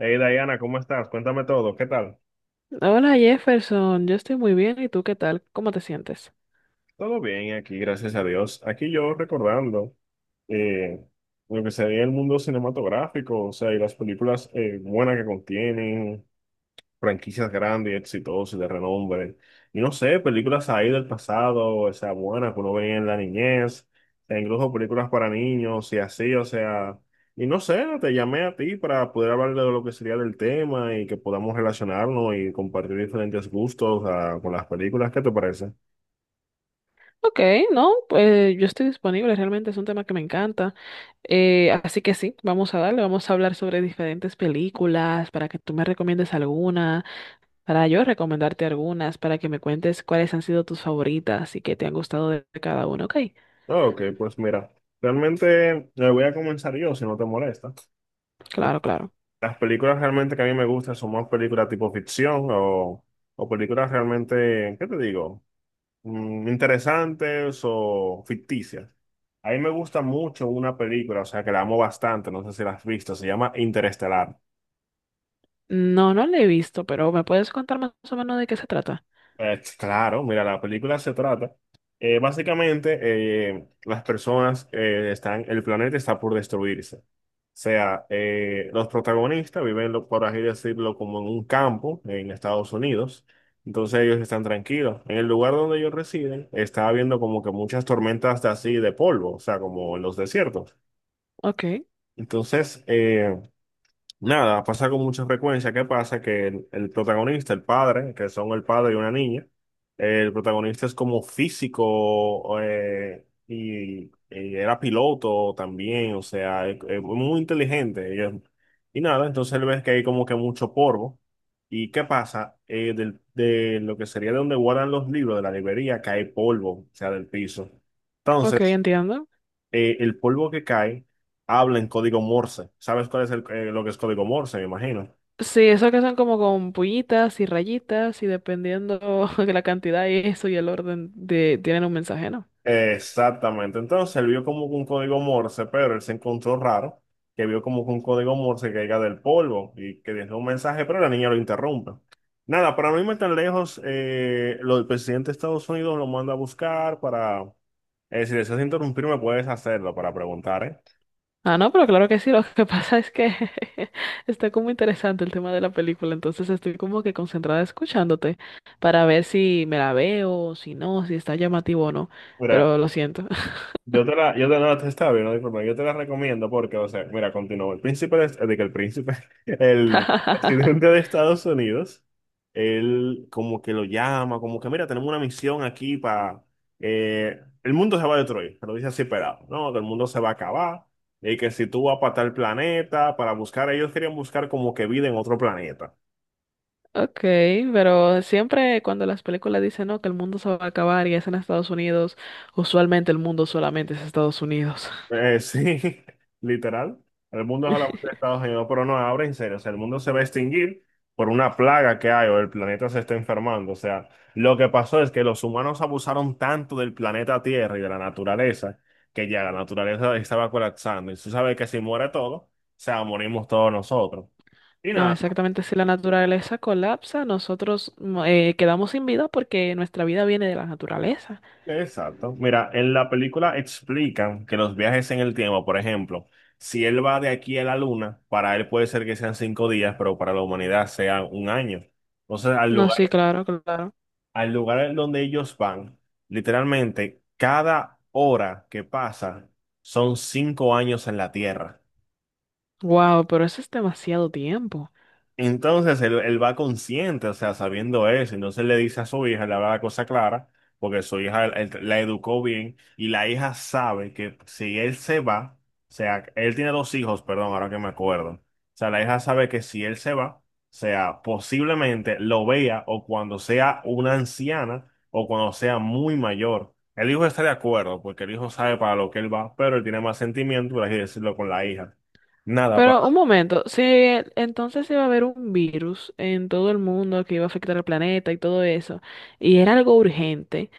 Hey Diana, ¿cómo estás? Cuéntame todo, ¿qué tal? Hola Jefferson, yo estoy muy bien. ¿Y tú qué tal? ¿Cómo te sientes? Todo bien aquí, gracias a Dios. Aquí yo recordando eh, lo que sería el mundo cinematográfico, o sea, y las películas buenas que contienen, franquicias grandes y exitosas y de renombre. Y no sé, películas ahí del pasado, o sea, buenas que uno veía en la niñez, e incluso películas para niños y así, o sea, y no sé, te llamé a ti para poder hablar de lo que sería del tema y que podamos relacionarnos y compartir diferentes gustos, con las películas, ¿qué te parece? Ok, no, pues yo estoy disponible. Realmente es un tema que me encanta. Así que sí, vamos a darle. Vamos a hablar sobre diferentes películas para que tú me recomiendes alguna, para yo recomendarte algunas, para que me cuentes cuáles han sido tus favoritas y qué te han gustado de cada una. Ok, Ah, ok, pues mira, realmente voy a comenzar yo, si no te molesta. claro, claro. Las películas realmente que a mí me gustan son más películas tipo ficción o... O películas realmente, ¿qué te digo? Interesantes o ficticias. A mí me gusta mucho una película, o sea, que la amo bastante, no sé si la has visto, se llama Interestelar. No, no la he visto, pero ¿me puedes contar más o menos de qué se trata? Claro, mira, la película se trata. Básicamente, las personas están, el planeta está por destruirse. O sea, los protagonistas viven, por así decirlo, como en un campo en Estados Unidos. Entonces ellos están tranquilos. En el lugar donde ellos residen, está habiendo como que muchas tormentas de así de polvo, o sea, como en los desiertos. Ok, Entonces, nada, pasa con mucha frecuencia. ¿Qué pasa? Que el protagonista, el padre, que son el padre y una niña, el protagonista es como físico y era piloto también, o sea, es muy inteligente. Y nada, entonces él ve que hay como que mucho polvo. ¿Y qué pasa? De lo que sería de donde guardan los libros de la librería, cae polvo, o sea, del piso. ok, Entonces entiendo. El polvo que cae habla en código Morse. ¿Sabes cuál es lo que es código Morse? Me imagino. Sí, eso que son como con puñitas y rayitas y dependiendo de la cantidad y eso y el orden de tienen un mensaje, ¿no? Exactamente. Entonces él vio como que un código Morse, pero él se encontró raro que vio como que un código Morse que caiga del polvo y que dejó un mensaje, pero la niña lo interrumpe. Nada, para no irme tan lejos, el presidente de Estados Unidos lo manda a buscar para... Si deseas interrumpirme, puedes hacerlo para preguntar, ¿eh? Ah, no, pero claro que sí, lo que pasa es que está como interesante el tema de la película, entonces estoy como que concentrada escuchándote para ver si me la veo, si no, si está llamativo o no, Mira, pero lo siento. Yo te la, yo te, no, te estaba viendo, disculpa, yo te la recomiendo porque, o sea, mira, continúo. El príncipe, de que el príncipe, el presidente de Estados Unidos, él como que lo llama, como que, mira, tenemos una misión aquí para, el mundo se va a destruir, pero dice así, pelado, ¿no? Que el mundo se va a acabar y que si tú vas para tal planeta, para buscar, ellos querían buscar como que vida en otro planeta. Ok, pero siempre cuando las películas dicen, no, que el mundo se va a acabar y es en Estados Unidos, usualmente el mundo solamente es Estados Unidos. Sí, literal. El mundo es a la muerte de Estados Unidos, pero no, ahora en serio, o sea, el mundo se va a extinguir por una plaga que hay o el planeta se está enfermando. O sea, lo que pasó es que los humanos abusaron tanto del planeta Tierra y de la naturaleza que ya la naturaleza estaba colapsando. Y tú sabes que si muere todo, o sea, morimos todos nosotros. Y No, nada, exactamente. Si la naturaleza colapsa, nosotros quedamos sin vida porque nuestra vida viene de la naturaleza. exacto. Mira, en la película explican que los viajes en el tiempo, por ejemplo, si él va de aquí a la luna, para él puede ser que sean cinco días, pero para la humanidad sea un año. Entonces, No, sí, claro, claro. al lugar donde ellos van, literalmente, cada hora que pasa son cinco años en la Tierra. Wow, pero eso es demasiado tiempo. Entonces él va consciente, o sea, sabiendo eso, entonces le dice a su hija, le habla la cosa clara, porque su hija la educó bien y la hija sabe que si él se va, o sea, él tiene dos hijos, perdón, ahora que me acuerdo, o sea, la hija sabe que si él se va, o sea, posiblemente lo vea o cuando sea una anciana o cuando sea muy mayor. El hijo está de acuerdo, porque el hijo sabe para lo que él va, pero él tiene más sentimiento, por así decirlo, con la hija. Nada, para... Pero un momento, si entonces iba a haber un virus en todo el mundo que iba a afectar al planeta y todo eso, y era algo urgente,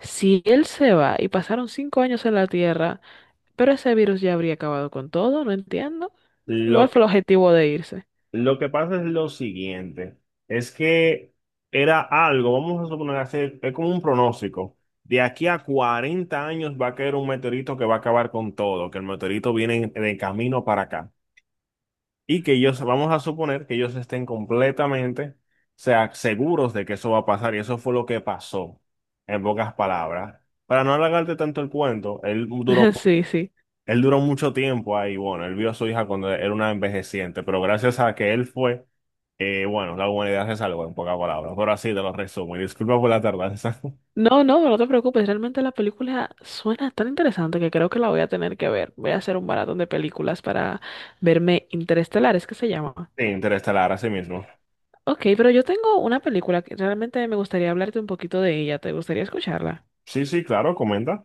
si él se va y pasaron 5 años en la Tierra, pero ese virus ya habría acabado con todo, no entiendo. ¿Igual Lo fue que el objetivo de irse? Lo que pasa es lo siguiente, es que era algo, vamos a suponer, hacer, es como un pronóstico. De aquí a 40 años va a caer un meteorito que va a acabar con todo, que el meteorito viene de camino para acá. Y que ellos, vamos a suponer que ellos estén completamente, o sea, seguros de que eso va a pasar. Y eso fue lo que pasó, en pocas palabras. Para no alargarte tanto el cuento, Sí, sí. él duró mucho tiempo ahí. Bueno, él vio a su hija cuando era una envejeciente, pero gracias a que él fue bueno, la humanidad se salvó en pocas palabras, pero así te lo resumo y disculpa por la tardanza. No, no, no te preocupes. Realmente la película suena tan interesante que creo que la voy a tener que ver. Voy a hacer un maratón de películas para verme Interestelar, es que se llama. Sí, Interestelar, así mismo. Ok, pero yo tengo una película que realmente me gustaría hablarte un poquito de ella. ¿Te gustaría escucharla? Sí, sí, claro, comenta.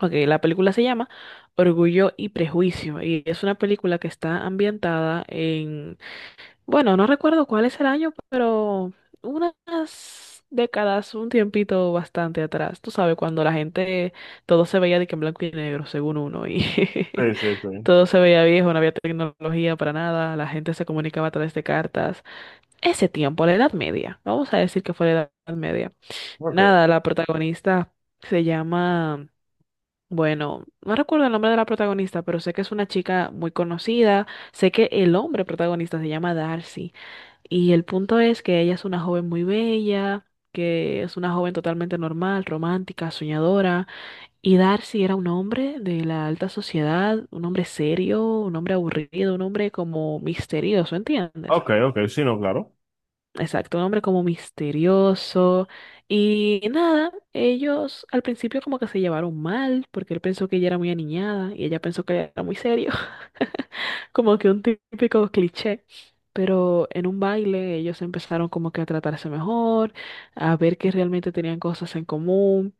Ok, la película se llama Orgullo y Prejuicio y es una película que está ambientada. Bueno, no recuerdo cuál es el año, pero unas décadas, un tiempito bastante atrás. Tú sabes, cuando la gente, todo se veía de que en blanco y negro, según uno, y Sí, sí, sí. todo se veía viejo, no había tecnología para nada, la gente se comunicaba a través de cartas. Ese tiempo, la Edad Media, vamos a decir que fue la Edad Media. Ok, Nada, la protagonista se llama, bueno, no recuerdo el nombre de la protagonista, pero sé que es una chica muy conocida, sé que el hombre protagonista se llama Darcy. Y el punto es que ella es una joven muy bella, que es una joven totalmente normal, romántica, soñadora. Y Darcy era un hombre de la alta sociedad, un hombre serio, un hombre aburrido, un hombre como misterioso, ¿entiendes? ok, ok, sí, no, claro. Exacto, un hombre como misterioso. Y nada, ellos al principio como que se llevaron mal, porque él pensó que ella era muy aniñada y ella pensó que era muy serio. Como que un típico cliché, pero en un baile ellos empezaron como que a tratarse mejor, a ver que realmente tenían cosas en común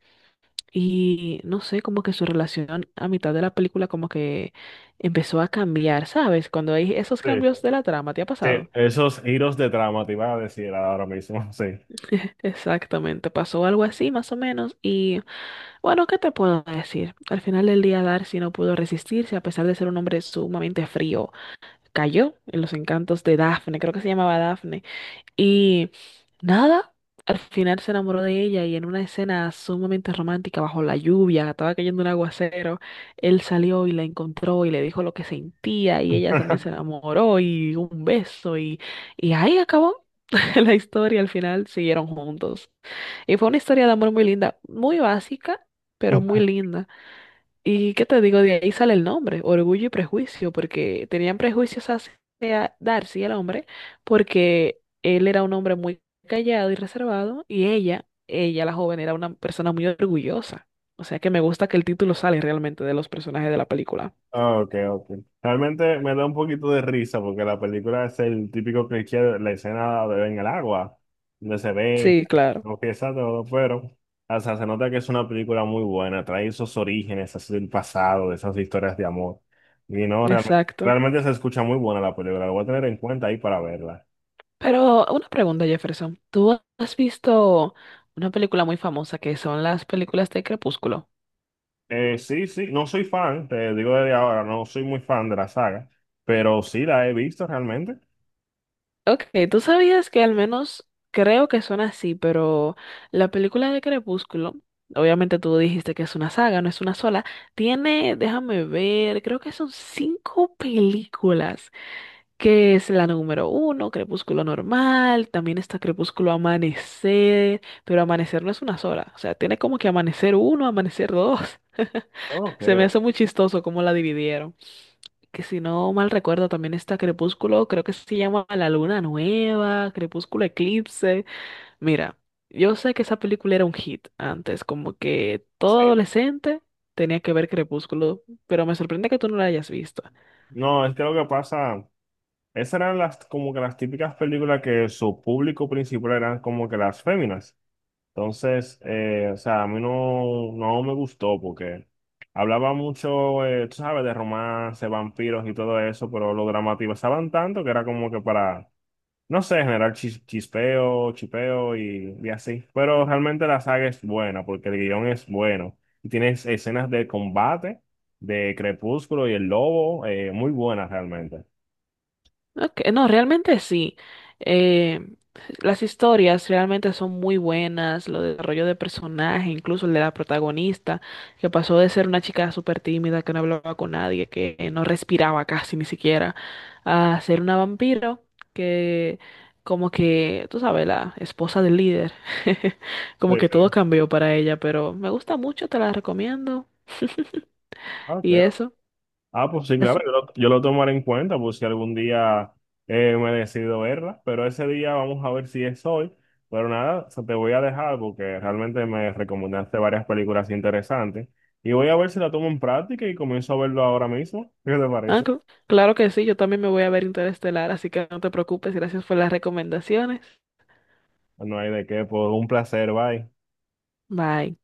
y no sé, como que su relación a mitad de la película como que empezó a cambiar, ¿sabes? Cuando hay esos Sí, sí. cambios de la trama, ¿te ha Sí, pasado? esos giros de trama te iba a decir ahora mismo, sí. Exactamente, pasó algo así más o menos y bueno, ¿qué te puedo decir? Al final del día Darcy no pudo resistirse a pesar de ser un hombre sumamente frío, cayó en los encantos de Daphne, creo que se llamaba Daphne. Y nada, al final se enamoró de ella y en una escena sumamente romántica bajo la lluvia, estaba cayendo un aguacero, él salió y la encontró y le dijo lo que sentía y ella también se enamoró y un beso y ahí acabó la historia, al final siguieron juntos. Y fue una historia de amor muy linda, muy básica, pero muy linda. Y qué te digo, de ahí sale el nombre, Orgullo y Prejuicio, porque tenían prejuicios hacia Darcy, el hombre, porque él era un hombre muy callado y reservado, y ella la joven, era una persona muy orgullosa. O sea que me gusta que el título sale realmente de los personajes de la película. Ah, ok, ok. Realmente me da un poquito de risa porque la película es el típico cliché de la escena de en el agua, donde se ve, Sí, claro, lo que todo, pero o sea, se nota que es una película muy buena, trae esos orígenes así del pasado, de esas historias de amor. Y no, realmente, exacto. realmente se escucha muy buena la película, lo voy a tener en cuenta ahí para verla. Pero una pregunta, Jefferson, ¿tú has visto una película muy famosa que son las películas de Crepúsculo? Sí, sí, no soy fan, te digo desde ahora, no soy muy fan de la saga, pero sí la he visto realmente. Ok, tú sabías que al menos creo que son así, pero la película de Crepúsculo, obviamente tú dijiste que es una saga, no es una sola, tiene, déjame ver, creo que son cinco películas, que es la número uno, Crepúsculo normal, también está Crepúsculo Amanecer, pero Amanecer no es una sola, o sea, tiene como que Amanecer uno, Amanecer dos, Ok, se me ok. hace muy chistoso cómo la dividieron que si no mal recuerdo también está Crepúsculo, creo que se llama La Luna Nueva, Crepúsculo Eclipse. Mira, yo sé que esa película era un hit antes, como que todo Sí. adolescente tenía que ver Crepúsculo, pero me sorprende que tú no la hayas visto. No, es que lo que pasa. Esas eran las, como que las típicas películas que su público principal eran como que las féminas. Entonces, o sea, a mí no, no me gustó porque hablaba mucho, tú sabes, de romance, vampiros y todo eso, pero lo dramatizaban tanto que era como que para, no sé, generar chispeo, chipeo y así. Pero realmente la saga es buena porque el guión es bueno. Y tienes escenas de combate, de Crepúsculo y el Lobo, muy buenas realmente. Ok, no, realmente sí. Eh, las historias realmente son muy buenas, lo del desarrollo de personaje, incluso el de la protagonista, que pasó de ser una chica súper tímida, que no hablaba con nadie, que no respiraba casi ni siquiera, a ser una vampiro, que como que, tú sabes, la esposa del líder, Sí, como que sí. todo cambió para ella, pero me gusta mucho, te la recomiendo. Ok. Y eso. Ah, pues sí, claro, yo lo tomaré en cuenta, pues si algún día me decido verla, pero ese día vamos a ver si es hoy. Pero nada, o sea, te voy a dejar porque realmente me recomendaste varias películas interesantes y voy a ver si la tomo en práctica y comienzo a verlo ahora mismo. ¿Qué te Ah, parece? Claro que sí, yo también me voy a ver Interestelar, así que no te preocupes, gracias por las recomendaciones. No hay de qué, pues un placer, bye. Bye.